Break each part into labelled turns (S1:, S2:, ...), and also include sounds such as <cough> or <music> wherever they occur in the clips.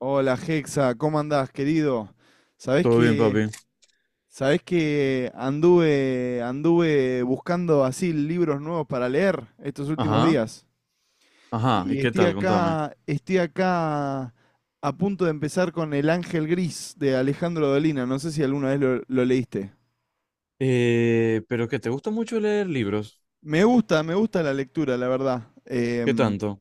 S1: Hola Hexa, ¿cómo andás, querido? Sabés
S2: Todo bien,
S1: que,
S2: papi.
S1: sabés que anduve buscando así libros nuevos para leer estos últimos
S2: Ajá,
S1: días.
S2: ajá.
S1: Y
S2: ¿Y qué
S1: estoy
S2: tal? Contame.
S1: acá, estoy acá a punto de empezar con El Ángel Gris de Alejandro Dolina. No sé si alguna vez lo leíste.
S2: Pero que te gusta mucho leer libros.
S1: Me gusta la lectura, la verdad.
S2: ¿Qué tanto?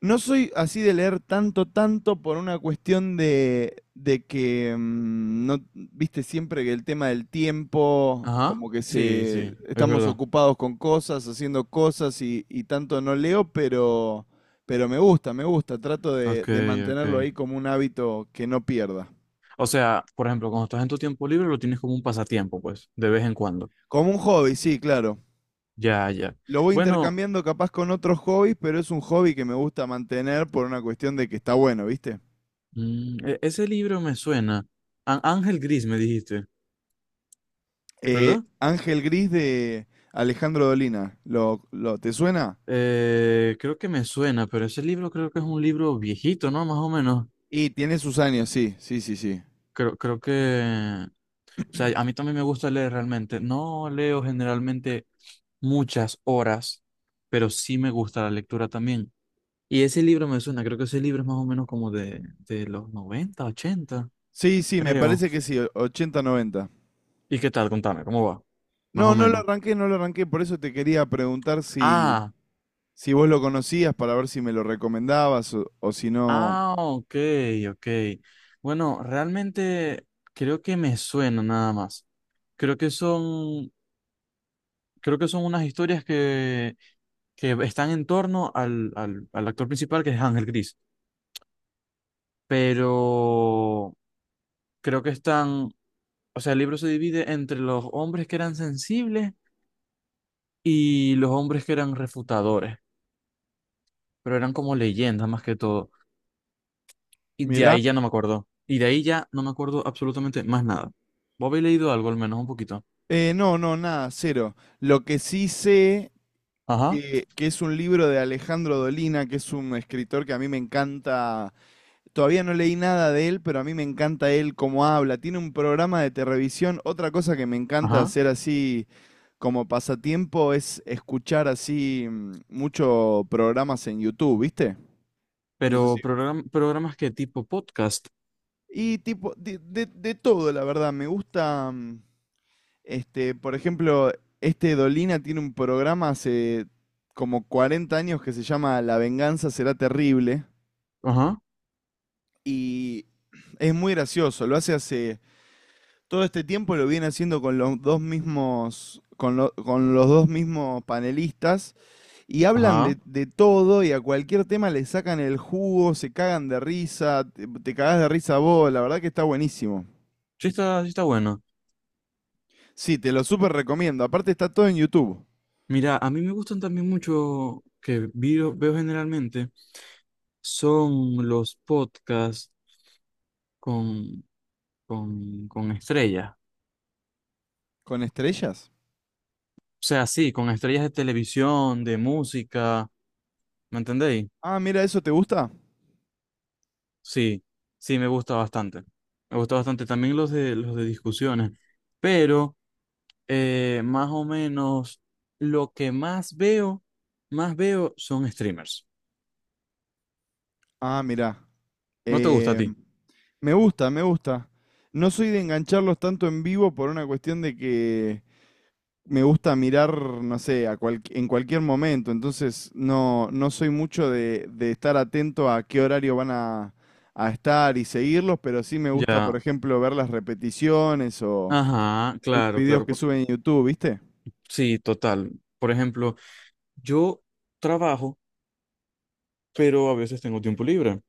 S1: No soy así de leer tanto, tanto por una cuestión de que, no, viste, siempre que el tema del tiempo,
S2: Ajá,
S1: como que
S2: sí,
S1: se,
S2: sí, es
S1: estamos
S2: verdad.
S1: ocupados con cosas, haciendo cosas y tanto no leo, pero me gusta, trato de,
S2: Ok,
S1: de
S2: ok.
S1: mantenerlo ahí como un hábito que no pierda.
S2: O sea, por ejemplo, cuando estás en tu tiempo libre lo tienes como un pasatiempo, pues, de vez en cuando.
S1: Como un hobby, sí, claro.
S2: Ya, ya.
S1: Lo voy
S2: Bueno,
S1: intercambiando capaz con otros hobbies, pero es un hobby que me gusta mantener por una cuestión de que está bueno, ¿viste?
S2: ese libro me suena. Ángel Gris me dijiste, ¿verdad?
S1: Ángel Gris de Alejandro Dolina. Te suena?
S2: Creo que me suena, pero ese libro creo que es un libro viejito, ¿no? Más o menos.
S1: Y tiene sus años, sí, sí, sí, sí.
S2: Creo que, o sea, a mí también me gusta leer realmente. No leo generalmente muchas horas, pero sí me gusta la lectura también. Y ese libro me suena, creo que ese libro es más o menos como de los 90 80
S1: Sí, sí, me
S2: creo.
S1: parece que sí, o- 80, 90.
S2: ¿Y qué tal? Contame, ¿cómo va? Más
S1: No,
S2: o
S1: no lo
S2: menos.
S1: arranqué, no lo arranqué, por eso te quería preguntar si,
S2: Ah,
S1: si vos lo conocías para ver si me lo recomendabas o si no.
S2: ah, ok, ok. Bueno, realmente creo que me suena nada más. Creo que son creo que son unas historias que están en torno al actor principal, que es Ángel Gris. Pero creo que están, o sea, el libro se divide entre los hombres que eran sensibles y los hombres que eran refutadores, pero eran como leyendas más que todo. Y de
S1: Mirá.
S2: ahí ya no me acuerdo. Y de ahí ya no me acuerdo absolutamente más nada. ¿Vos habéis leído algo, al menos un poquito?
S1: No, no, nada, cero. Lo que sí sé
S2: Ajá,
S1: que es un libro de Alejandro Dolina, que es un escritor que a mí me encanta. Todavía no leí nada de él, pero a mí me encanta él cómo habla. Tiene un programa de televisión. Otra cosa que me encanta
S2: ajá.
S1: hacer así como pasatiempo es escuchar así muchos programas en YouTube, ¿viste? No sé si...
S2: Pero programas que tipo podcast.
S1: Y tipo, de todo, la verdad. Me gusta, este, por ejemplo, este Dolina tiene un programa hace como 40 años que se llama La venganza será terrible.
S2: Ajá,
S1: Y es muy gracioso. Lo hace todo este tiempo lo viene haciendo con los dos mismos, con los dos mismos panelistas y hablan
S2: ajá.
S1: de todo y a cualquier tema le sacan el jugo, se cagan de risa, te cagás de risa vos, la verdad que está buenísimo.
S2: Sí está bueno.
S1: Sí, te lo súper recomiendo. Aparte está todo en YouTube.
S2: Mira, a mí me gustan también mucho, que veo generalmente, son los podcasts con, con estrellas.
S1: ¿Con estrellas?
S2: O sea, sí, con estrellas de televisión, de música, ¿me entendéis?
S1: Ah, mira, ¿eso te gusta?
S2: Sí, sí, me gusta bastante. Me gusta bastante también los de discusiones. Pero más o menos lo que más veo son streamers.
S1: Ah, mira.
S2: ¿No te gusta a
S1: Eh,
S2: ti?
S1: me gusta, me gusta. No soy de engancharlos tanto en vivo por una cuestión de que me gusta mirar, no sé, en cualquier momento, entonces no, no soy mucho de estar atento a qué horario van a estar y seguirlos, pero sí me gusta, por
S2: Ya.
S1: ejemplo, ver las repeticiones o
S2: Ajá,
S1: los
S2: claro,
S1: videos
S2: claro.
S1: que suben en YouTube, ¿viste?
S2: Sí, total. Por ejemplo, yo trabajo, pero a veces tengo tiempo libre.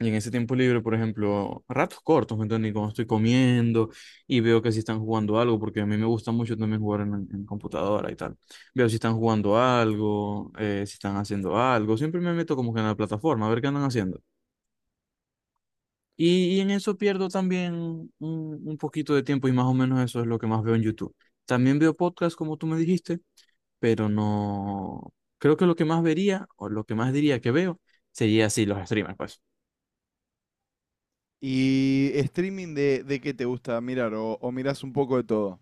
S2: Y en ese tiempo libre, por ejemplo, ratos cortos, ¿me entiendes? Y cuando estoy comiendo y veo que si están jugando algo, porque a mí me gusta mucho también jugar en computadora y tal. Veo si están jugando algo, si están haciendo algo. Siempre me meto como que en la plataforma a ver qué andan haciendo. Y en eso pierdo también un poquito de tiempo y más o menos eso es lo que más veo en YouTube. También veo podcasts, como tú me dijiste, pero no. Creo que lo que más vería o lo que más diría que veo sería así los streamers, pues.
S1: ¿Y streaming de qué te gusta mirar? O mirás un poco de todo?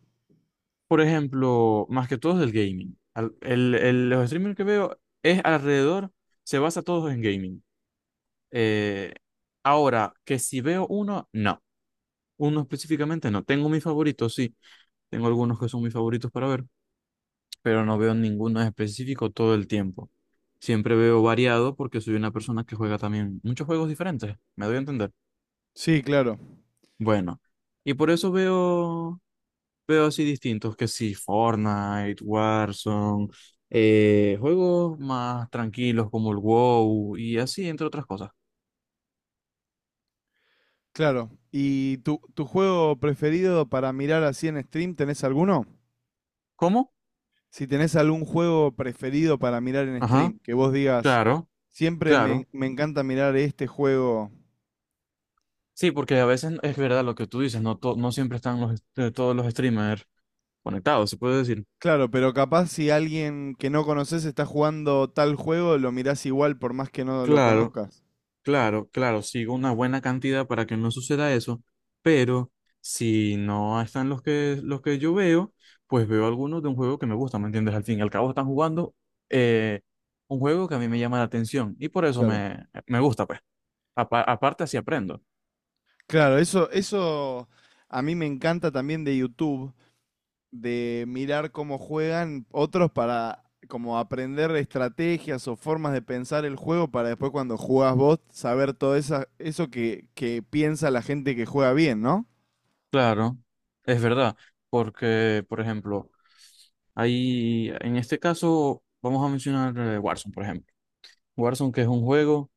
S2: Por ejemplo, más que todos del gaming. Los streamers que veo es alrededor, se basa todos en gaming. Eh, ahora, que si veo uno, no. Uno específicamente no. Tengo mis favoritos, sí. Tengo algunos que son mis favoritos para ver, pero no veo ninguno en específico todo el tiempo. Siempre veo variado porque soy una persona que juega también muchos juegos diferentes, me doy a entender.
S1: Sí, claro,
S2: Bueno, y por eso veo así distintos, que sí, Fortnite, Warzone, juegos más tranquilos como el WoW y así, entre otras cosas.
S1: claro. ¿Y tu juego preferido para mirar así en stream, tenés alguno?
S2: ¿Cómo?
S1: Si tenés algún juego preferido para mirar en
S2: Ajá,
S1: stream, que vos digas,
S2: claro,
S1: siempre
S2: claro.
S1: me encanta mirar este juego.
S2: Sí, porque a veces es verdad lo que tú dices, no, no siempre están todos los streamers conectados, se puede decir.
S1: Claro, pero capaz si alguien que no conoces está jugando tal juego, lo mirás igual por más que no lo
S2: Claro.
S1: conozcas.
S2: Claro, claro, sigo una buena cantidad para que no suceda eso, pero si no están los que yo veo, pues veo algunos de un juego que me gusta, ¿me entiendes? Al fin y al cabo están jugando eh, un juego que a mí me llama la atención y por eso
S1: Claro.
S2: me, me gusta, pues. Aparte así aprendo.
S1: Claro, eso a mí me encanta también de YouTube, de mirar cómo juegan otros para como aprender estrategias o formas de pensar el juego para después cuando jugás vos saber todo esa, eso que piensa la gente que juega bien, ¿no?
S2: Claro, es verdad, porque, por ejemplo, ahí, en este caso, vamos a mencionar Warzone, por ejemplo. Warzone que es un juego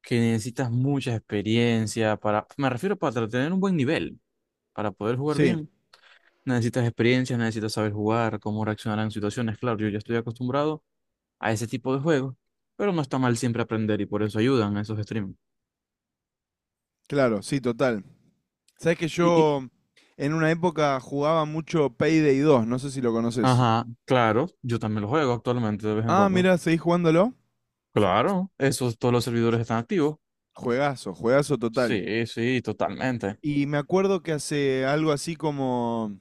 S2: que necesitas mucha experiencia para, me refiero para tener un buen nivel. Para poder jugar
S1: Sí,
S2: bien, necesitas experiencia, necesitas saber jugar, cómo reaccionar en situaciones. Claro, yo ya estoy acostumbrado a ese tipo de juegos, pero no está mal siempre aprender y por eso ayudan esos streams.
S1: claro, sí, total. Sabes que
S2: Y, y-
S1: yo en una época jugaba mucho Payday dos, no sé si lo conoces.
S2: ajá, claro, yo también lo juego actualmente de vez en
S1: Ah,
S2: cuando.
S1: mira, ¿seguís jugándolo?
S2: Claro, esos todos los servidores están activos.
S1: Juegazo, juegazo total.
S2: Sí, sí, totalmente.
S1: Y me acuerdo que hace algo así como,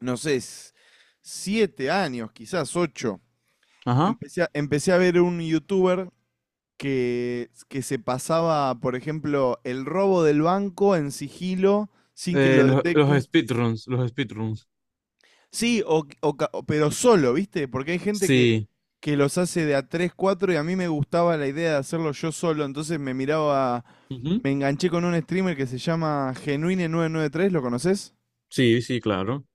S1: no sé, s- siete años, quizás ocho,
S2: Ajá.
S1: empecé a ver un youtuber que se pasaba, por ejemplo, el robo del banco en sigilo sin que
S2: Eh,
S1: lo
S2: los, los
S1: detecte.
S2: speedruns, los speedruns.
S1: Sí, pero solo, ¿viste? Porque hay gente
S2: Sí.
S1: que los hace de a 3, 4 y a mí me gustaba la idea de hacerlo yo solo, entonces me miraba,
S2: Ujú.
S1: me enganché con un streamer que se llama Genuine993, ¿lo conoces?
S2: Sí, sí, claro.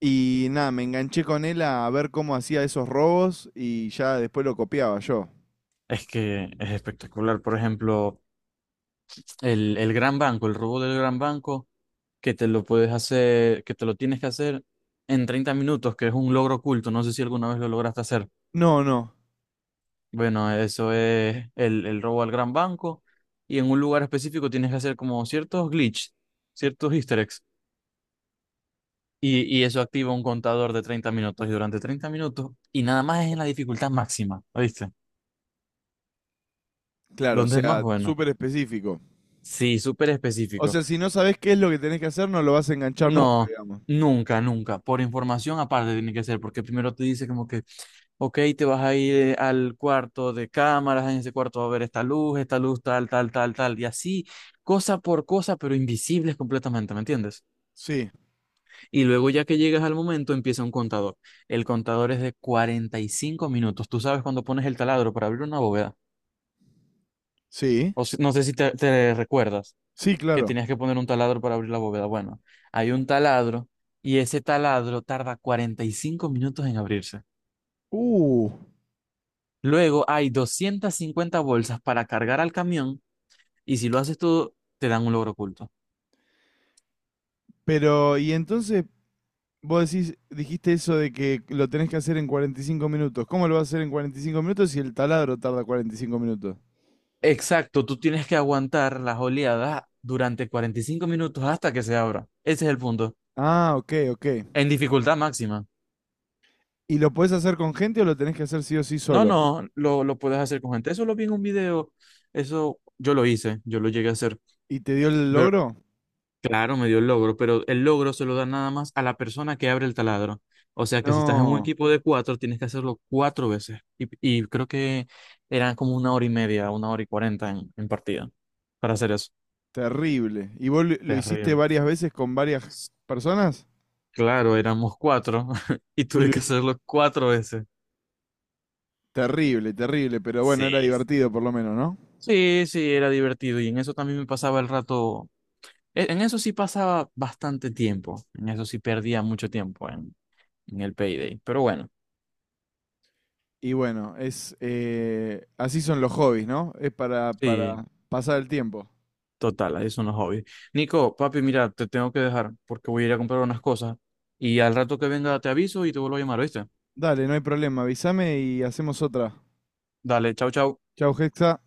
S1: Y nada, me enganché con él a ver cómo hacía esos robos y ya después lo copiaba yo.
S2: Es que es espectacular. Por ejemplo. El gran banco, el robo del gran banco, que te lo puedes hacer, que te lo tienes que hacer en 30 minutos, que es un logro oculto. No sé si alguna vez lo lograste hacer.
S1: No, no,
S2: Bueno, eso es el robo al gran banco. Y en un lugar específico tienes que hacer como ciertos glitches, ciertos easter eggs. Y eso activa un contador de 30 minutos. Y durante 30 minutos, y nada más es en la dificultad máxima, ¿oíste?
S1: claro, o
S2: Donde es más
S1: sea,
S2: bueno.
S1: súper específico.
S2: Sí, súper
S1: O
S2: específico.
S1: sea, si no sabes qué es lo que tenés que hacer, no lo vas a enganchar nunca,
S2: No,
S1: digamos.
S2: nunca, nunca. Por información aparte tiene que ser, porque primero te dice como que, ok, te vas a ir al cuarto de cámaras, en ese cuarto va a haber esta luz, tal, tal, tal, tal, y así, cosa por cosa, pero invisibles completamente, ¿me entiendes?
S1: Sí,
S2: Y luego ya que llegas al momento empieza un contador. El contador es de 45 minutos. Tú sabes cuando pones el taladro para abrir una bóveda.
S1: sí,
S2: O no sé si te recuerdas.
S1: sí,
S2: Que
S1: claro.
S2: tenías que poner un taladro para abrir la bóveda. Bueno, hay un taladro y ese taladro tarda 45 minutos en abrirse.
S1: Uh,
S2: Luego hay 250 bolsas para cargar al camión y si lo haces tú, te dan un logro oculto.
S1: pero, ¿y entonces vos decís, dijiste eso de que lo tenés que hacer en 45 minutos? ¿Cómo lo vas a hacer en 45 minutos si el taladro tarda 45 minutos?
S2: Exacto, tú tienes que aguantar las oleadas durante 45 minutos hasta que se abra. Ese es el punto.
S1: Ah, ok, ok.
S2: En dificultad máxima.
S1: ¿Y lo podés hacer con gente o lo tenés que hacer sí o sí
S2: No,
S1: solo?
S2: no, lo puedes hacer con gente. Eso lo vi en un video. Eso yo lo hice, yo lo llegué a hacer.
S1: ¿Y te dio el
S2: Pero
S1: logro?
S2: claro, me dio el logro, pero el logro se lo da nada más a la persona que abre el taladro. O sea que si estás en un
S1: No,
S2: equipo de cuatro, tienes que hacerlo cuatro veces. Y creo que eran como una hora y media, una hora y cuarenta en partida para hacer eso.
S1: terrible. ¿Y vos lo hiciste
S2: Terrible.
S1: varias veces con varias
S2: S-
S1: personas?
S2: Claro, éramos cuatro <laughs> y
S1: Y
S2: tuve
S1: lo
S2: que
S1: hiciste.
S2: hacerlo cuatro veces.
S1: Terrible, terrible, pero bueno, era
S2: Sí.
S1: divertido por lo menos, ¿no?
S2: Sí, sí, era divertido y en eso también me pasaba el rato. En eso sí pasaba bastante tiempo. En eso sí perdía mucho tiempo en, el payday. Pero bueno,
S1: Y bueno, es así son los hobbies, ¿no? Es
S2: sí.
S1: para pasar el tiempo.
S2: Total, ahí son los hobbies. Nico, papi, mira, te tengo que dejar porque voy a ir a comprar unas cosas y al rato que venga te aviso y te vuelvo a llamar, ¿viste?
S1: Dale, no hay problema, avísame y hacemos otra.
S2: Dale, chau, chau.
S1: Chau, Hexa.